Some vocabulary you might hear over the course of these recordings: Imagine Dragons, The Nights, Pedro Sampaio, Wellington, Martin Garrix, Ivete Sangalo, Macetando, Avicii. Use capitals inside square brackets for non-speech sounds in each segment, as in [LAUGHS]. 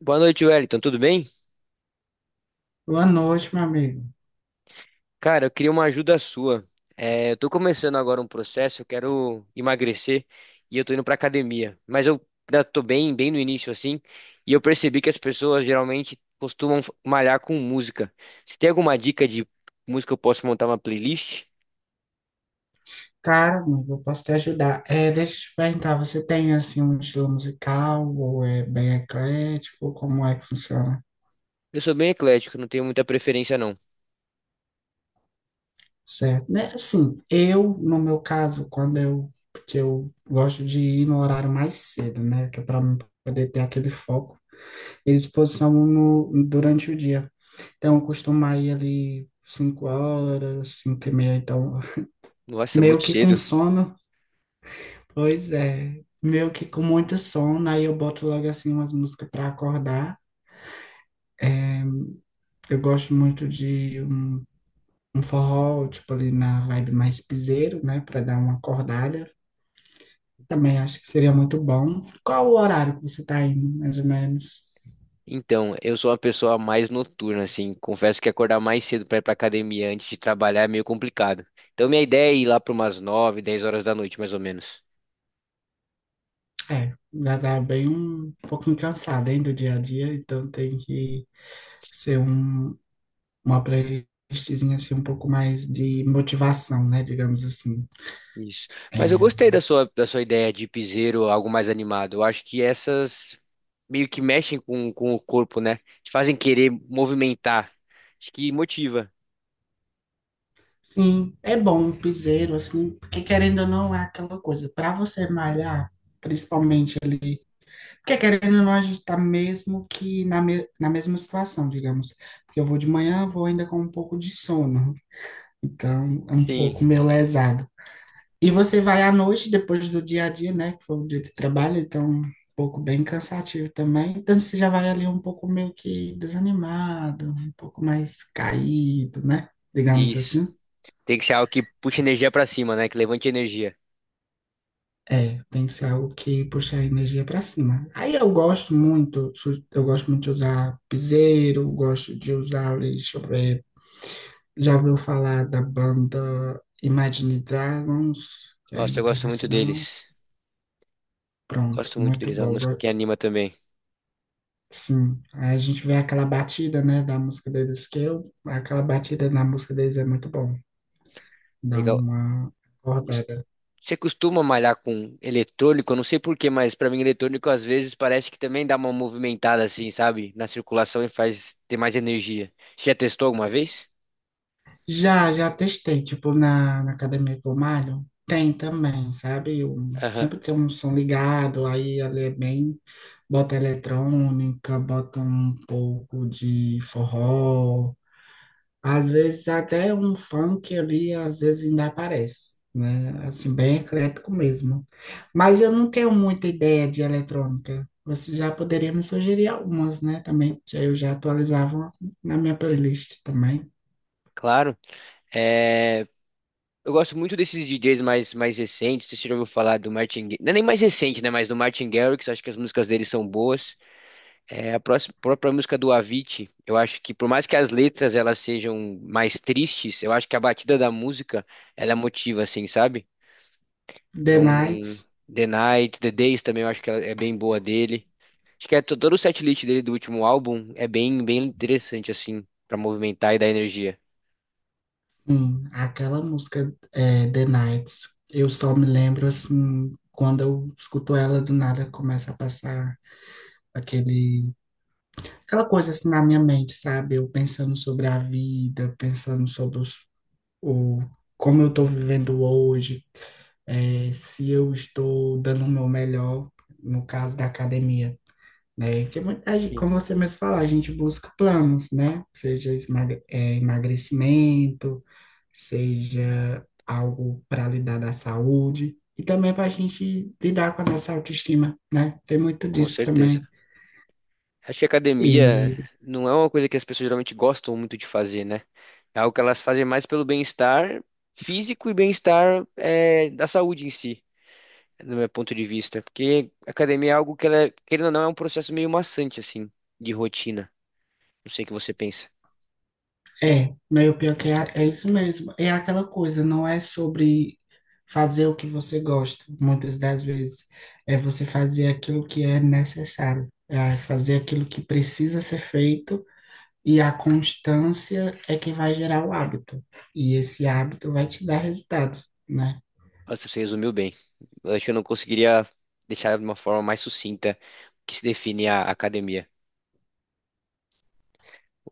Boa noite, Wellington. Tudo bem? Boa noite, meu amigo. Cara, eu queria uma ajuda sua. Eu tô começando agora um processo, eu quero emagrecer e eu tô indo pra academia. Mas eu ainda tô bem, bem no início, assim, e eu percebi que as pessoas geralmente costumam malhar com música. Você tem alguma dica de música que eu posso montar uma playlist? Cara, amigo, eu posso te ajudar. É, deixa eu te perguntar, você tem assim um estilo musical ou é bem eclético? Como é que funciona? Eu sou bem eclético, não tenho muita preferência, não. Certo, né? Assim, eu, no meu caso, quando eu, porque eu gosto de ir no horário mais cedo, né? Que é para poder ter aquele foco e disposição no, durante o dia. Então, eu costumo ir ali cinco horas, cinco e meia, então, Nossa, meio muito que com cedo. sono. Pois é, meio que com muito sono, aí eu boto logo assim umas músicas para acordar. Eu gosto muito de um forró, tipo ali na vibe mais piseiro, né, para dar uma acordada. Também acho que seria muito bom. Qual o horário que você tá indo, mais ou menos? Então, eu sou uma pessoa mais noturna, assim. Confesso que acordar mais cedo para ir para academia antes de trabalhar é meio complicado. Então, minha ideia é ir lá para umas 9, 10 horas da noite, mais ou menos. É, já tá bem um pouquinho cansada, hein, do dia a dia, então tem que ser uma playlistzinha assim um pouco mais de motivação, né, digamos assim. Isso. Mas eu gostei da sua ideia de piseiro, algo mais animado. Eu acho que essas meio que mexem com o corpo, né? Te fazem querer movimentar. Acho que motiva. Sim, é bom um piseiro, assim, porque querendo ou não é aquela coisa, para você malhar, principalmente ali, porque querendo ou não a gente tá mesmo que na mesma situação, digamos, porque eu vou de manhã, vou ainda com um pouco de sono, então é um Sim, pouco meio lesado. E você vai à noite, depois do dia a dia, né, que foi o dia de trabalho, então um pouco bem cansativo também, então você já vai ali um pouco meio que desanimado, um pouco mais caído, né, digamos isso. assim. Tem que ser algo que puxe energia para cima, né? Que levante energia. É, tem que ser algo que puxe a energia para cima. Aí eu gosto muito, eu gosto muito de usar piseiro, gosto de usar, ali, deixa eu ver, já ouviu falar da banda Imagine Dragons, que é Nossa, eu gosto muito internacional? deles. Eu Pronto, gosto muito muito deles. É uma bom. música que anima também. Sim, aí a gente vê aquela batida, né, da música deles, aquela batida na música deles é muito bom, dá Legal. uma Os- acordada. Você costuma malhar com eletrônico? Eu não sei por quê, mas pra mim eletrônico às vezes parece que também dá uma movimentada assim, sabe? Na circulação e faz ter mais energia. Você já testou alguma vez? Já, já testei, tipo, na academia que eu malho, tem também, sabe? Aham, Sempre tem um som ligado, aí ali é bem, bota eletrônica, bota um pouco de forró, às vezes até um funk ali, às vezes ainda aparece, né? Assim, bem eclético mesmo. Mas eu não tenho muita ideia de eletrônica. Você já poderia me sugerir algumas, né? Também, que aí eu já atualizava na minha playlist também. claro. É, Eu gosto muito desses DJs mais recentes. Você já ouviu falar do Não é nem mais recente, né? Mas do Martin Garrix. Acho que as músicas dele são boas. É, a próxima, própria música do Avicii. Eu acho que por mais que as letras elas sejam mais tristes, eu acho que a batida da música ela motiva, assim, sabe? The Então, Nights. The Night, The Days também eu acho que ela é bem boa dele. Acho que é todo o setlist dele do último álbum é bem, bem interessante, assim, pra movimentar e dar energia. Sim, aquela música é, The Nights, eu só me lembro assim, quando eu escuto ela do nada começa a passar aquele, aquela coisa assim na minha mente, sabe? Eu pensando sobre a vida, pensando sobre o, como eu tô vivendo hoje, é, se eu estou dando o meu melhor, no caso da academia, né? Que muita gente, Sim. como você mesmo falou, a gente busca planos, né? Seja é, emagrecimento, seja algo para lidar da saúde e também para a gente lidar com a nossa autoestima, né? Tem muito Com disso certeza. também. Acho que academia E não é uma coisa que as pessoas geralmente gostam muito de fazer, né? É algo que elas fazem mais pelo bem-estar físico e da saúde em si, no meu ponto de vista. Porque academia é algo que, ela, querendo ou não, é um processo meio maçante, assim, de rotina. Não sei o que você pensa. é, meio pior que é, é isso mesmo. É aquela coisa, não é sobre fazer o que você gosta, muitas das vezes. É você fazer aquilo que é necessário, é fazer aquilo que precisa ser feito. E a constância é que vai gerar o hábito. E esse hábito vai te dar resultados, né? Nossa, você resumiu bem. Eu acho que eu não conseguiria deixar de uma forma mais sucinta o que se define a academia.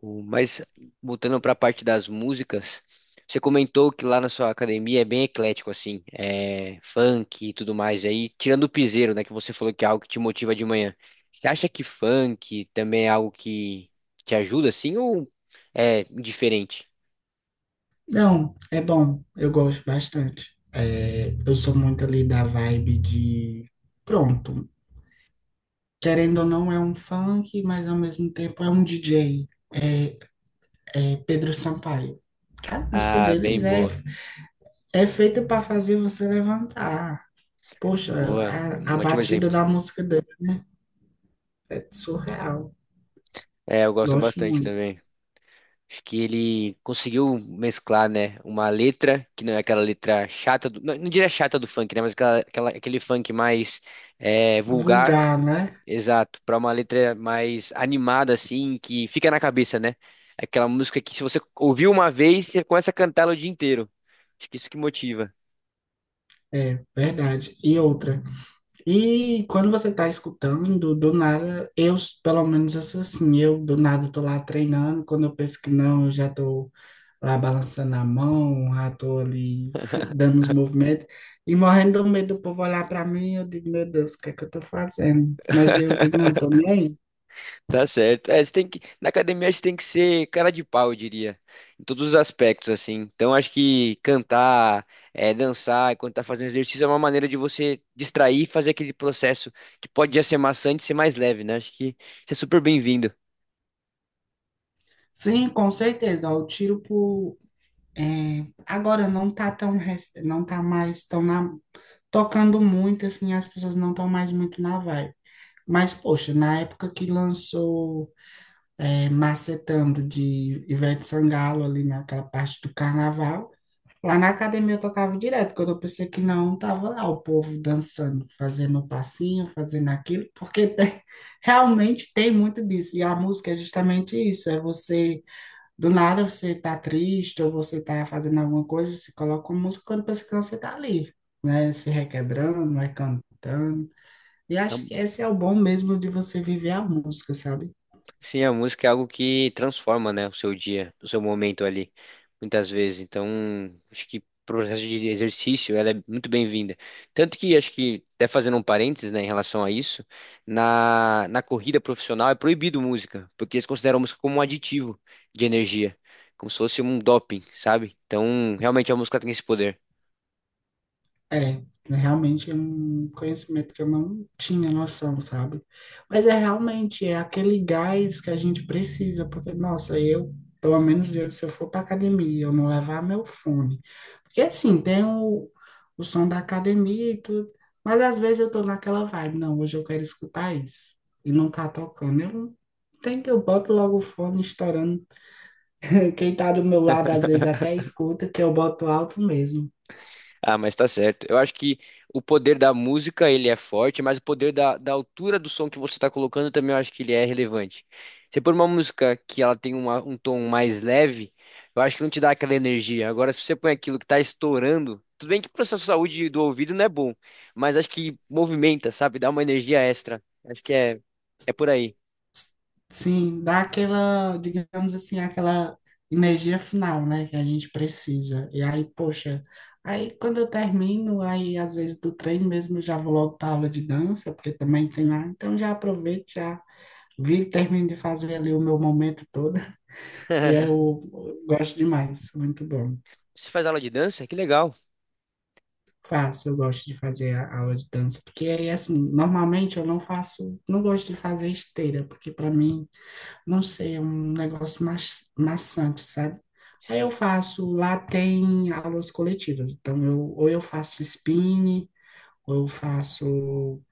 Mas, voltando para a parte das músicas, você comentou que lá na sua academia é bem eclético, assim, é funk e tudo mais. E aí, tirando o piseiro, né, que você falou que é algo que te motiva de manhã. Você acha que funk também é algo que te ajuda, assim, ou é diferente? Não, é bom, eu gosto bastante. É, eu sou muito ali da vibe de. Pronto, querendo ou não, é um funk, mas ao mesmo tempo é um DJ. É, é Pedro Sampaio. A música Ah, deles bem é, boa. é feita para fazer você levantar. Poxa, Boa, a um ótimo batida exemplo. da música dele, né? É surreal. É, eu gosto Gosto bastante muito. também. Acho que ele conseguiu mesclar, né, uma letra, que não é aquela letra chata, do, não, não diria chata do funk, né, mas aquele funk mais vulgar, Vulgar, né? exato, para uma letra mais animada, assim, que fica na cabeça, né? Aquela música que se você ouviu uma vez, você começa a cantar ela o dia inteiro. Acho que isso que motiva. É verdade. E outra. E quando você tá escutando, do nada, pelo menos eu sou assim, eu do nada tô lá treinando, quando eu penso que não, eu já tô lá balançando a mão, já tô ali [LAUGHS] dando os movimentos, e morrendo do medo do povo olhar para mim, eu digo, meu Deus, o que é que eu tô fazendo? Mas eu digo, não, tô nem aí. Tá certo. É, você tem que, na academia você tem que ser cara de pau, eu diria. Em todos os aspectos, assim. Então acho que cantar, dançar enquanto tá fazendo exercício é uma maneira de você distrair e fazer aquele processo que pode já ser maçante ser mais leve, né? Acho que isso é super bem-vindo. Sim, com certeza, o tiro por... é, agora não tá tão, não tá mais tão na... tocando muito, assim, as pessoas não estão mais muito na vibe. Mas, poxa, na época que lançou é, Macetando de Ivete Sangalo, ali naquela parte do carnaval, lá na academia eu tocava direto, quando eu pensei que não, tava lá o povo dançando, fazendo um passinho, fazendo aquilo, [LAUGHS] realmente tem muito disso. E a música é justamente isso: é você, do nada você tá triste, ou você tá fazendo alguma coisa, você coloca uma música quando pensa que você tá ali, né? Se requebrando, vai cantando. E acho que esse é o bom mesmo de você viver a música, sabe? Sim, a música é algo que transforma, né, o seu dia, o seu momento ali, muitas vezes. Então, acho que pro processo de exercício, ela é muito bem-vinda. Tanto que, acho que, até fazendo um parênteses, né, em relação a isso, na, na corrida profissional é proibido música, porque eles consideram a música como um aditivo de energia, como se fosse um doping, sabe? Então, realmente a música tem esse poder. É, realmente é um conhecimento que eu não tinha noção, sabe? Mas é realmente é aquele gás que a gente precisa, porque, nossa, pelo menos eu, se eu for para academia, eu não levar meu fone. Porque assim, tem o som da academia e tudo, mas às vezes eu tô naquela vibe, não, hoje eu quero escutar isso, e não tá tocando. Tem que eu boto logo o fone estourando. Quem tá do meu lado às vezes até escuta que eu boto alto mesmo. Ah, mas tá certo. Eu acho que o poder da música, ele é forte, mas o poder da, da altura do som que você tá colocando também eu acho que ele é relevante. Se pôr uma música que ela tem um tom mais leve, eu acho que não te dá aquela energia. Agora, se você põe aquilo que tá estourando, tudo bem que para sua saúde do ouvido não é bom, mas acho que movimenta, sabe? Dá uma energia extra. Acho que é por aí. Sim, dá aquela, digamos assim, aquela energia final, né, que a gente precisa. E aí, poxa, aí quando eu termino, aí às vezes do treino mesmo eu já vou logo para aula de dança, porque também tem lá. Então já aproveito, já vi, termino de fazer ali o meu momento todo. E [LAUGHS] eu gosto demais, muito bom. Você faz aula de dança? Que legal. Faço, eu gosto de fazer a aula de dança, porque aí, assim, normalmente eu não faço, não gosto de fazer esteira, porque para mim, não sei, é um negócio maçante, sabe? Aí eu Sim. faço, lá tem aulas coletivas, então eu, ou eu faço spin, ou eu faço,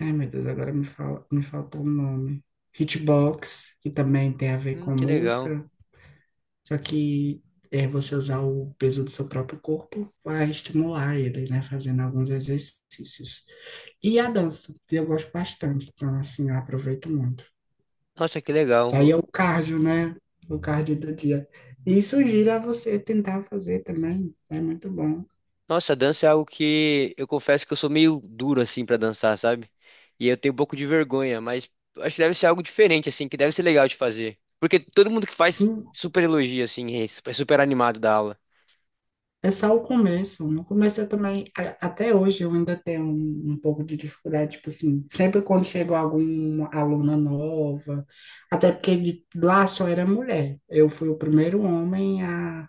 ai meu Deus, agora me fala, me faltou o nome, hitbox, que também tem a ver com Que legal. música. Só que é, você usar o peso do seu próprio corpo vai estimular ele, né? Fazendo alguns exercícios. E a dança, que eu gosto bastante. Então, assim, eu aproveito muito. Nossa, que legal. Que aí é o cardio, né? O cardio do dia. E sugiro a você tentar fazer também. É muito bom. Nossa, dança é algo que eu confesso que eu sou meio duro assim pra dançar, sabe? E eu tenho um pouco de vergonha, mas acho que deve ser algo diferente assim, que deve ser legal de fazer. Porque todo mundo que faz Sim, super elogia assim, é super animado da aula. é só o começo. No começo eu também, até hoje eu ainda tenho um pouco de dificuldade, tipo assim, sempre quando chegou alguma aluna nova, até porque de, lá só era mulher. Eu fui o primeiro homem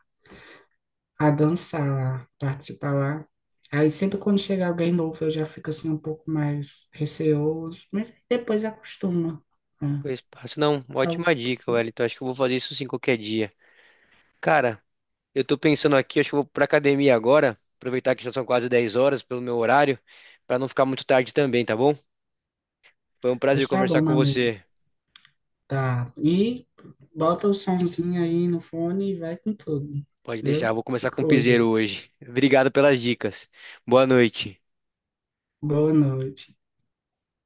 a dançar lá, participar lá. Aí sempre quando chega alguém novo eu já fico assim um pouco mais receoso, mas depois acostuma, né? Depois passo, não, Só, ótima dica, Wellington. Acho que eu vou fazer isso sim qualquer dia. Cara, eu tô pensando aqui, acho que eu vou pra academia agora, aproveitar que já são quase 10 horas pelo meu horário, pra não ficar muito tarde também, tá bom? Foi um prazer está bom, conversar com meu amigo. você. Tá. E bota o somzinho aí no fone e vai com tudo. Pode deixar, Viu? vou Se começar com o piseiro cuida. hoje. Obrigado pelas dicas. Boa noite. Boa noite.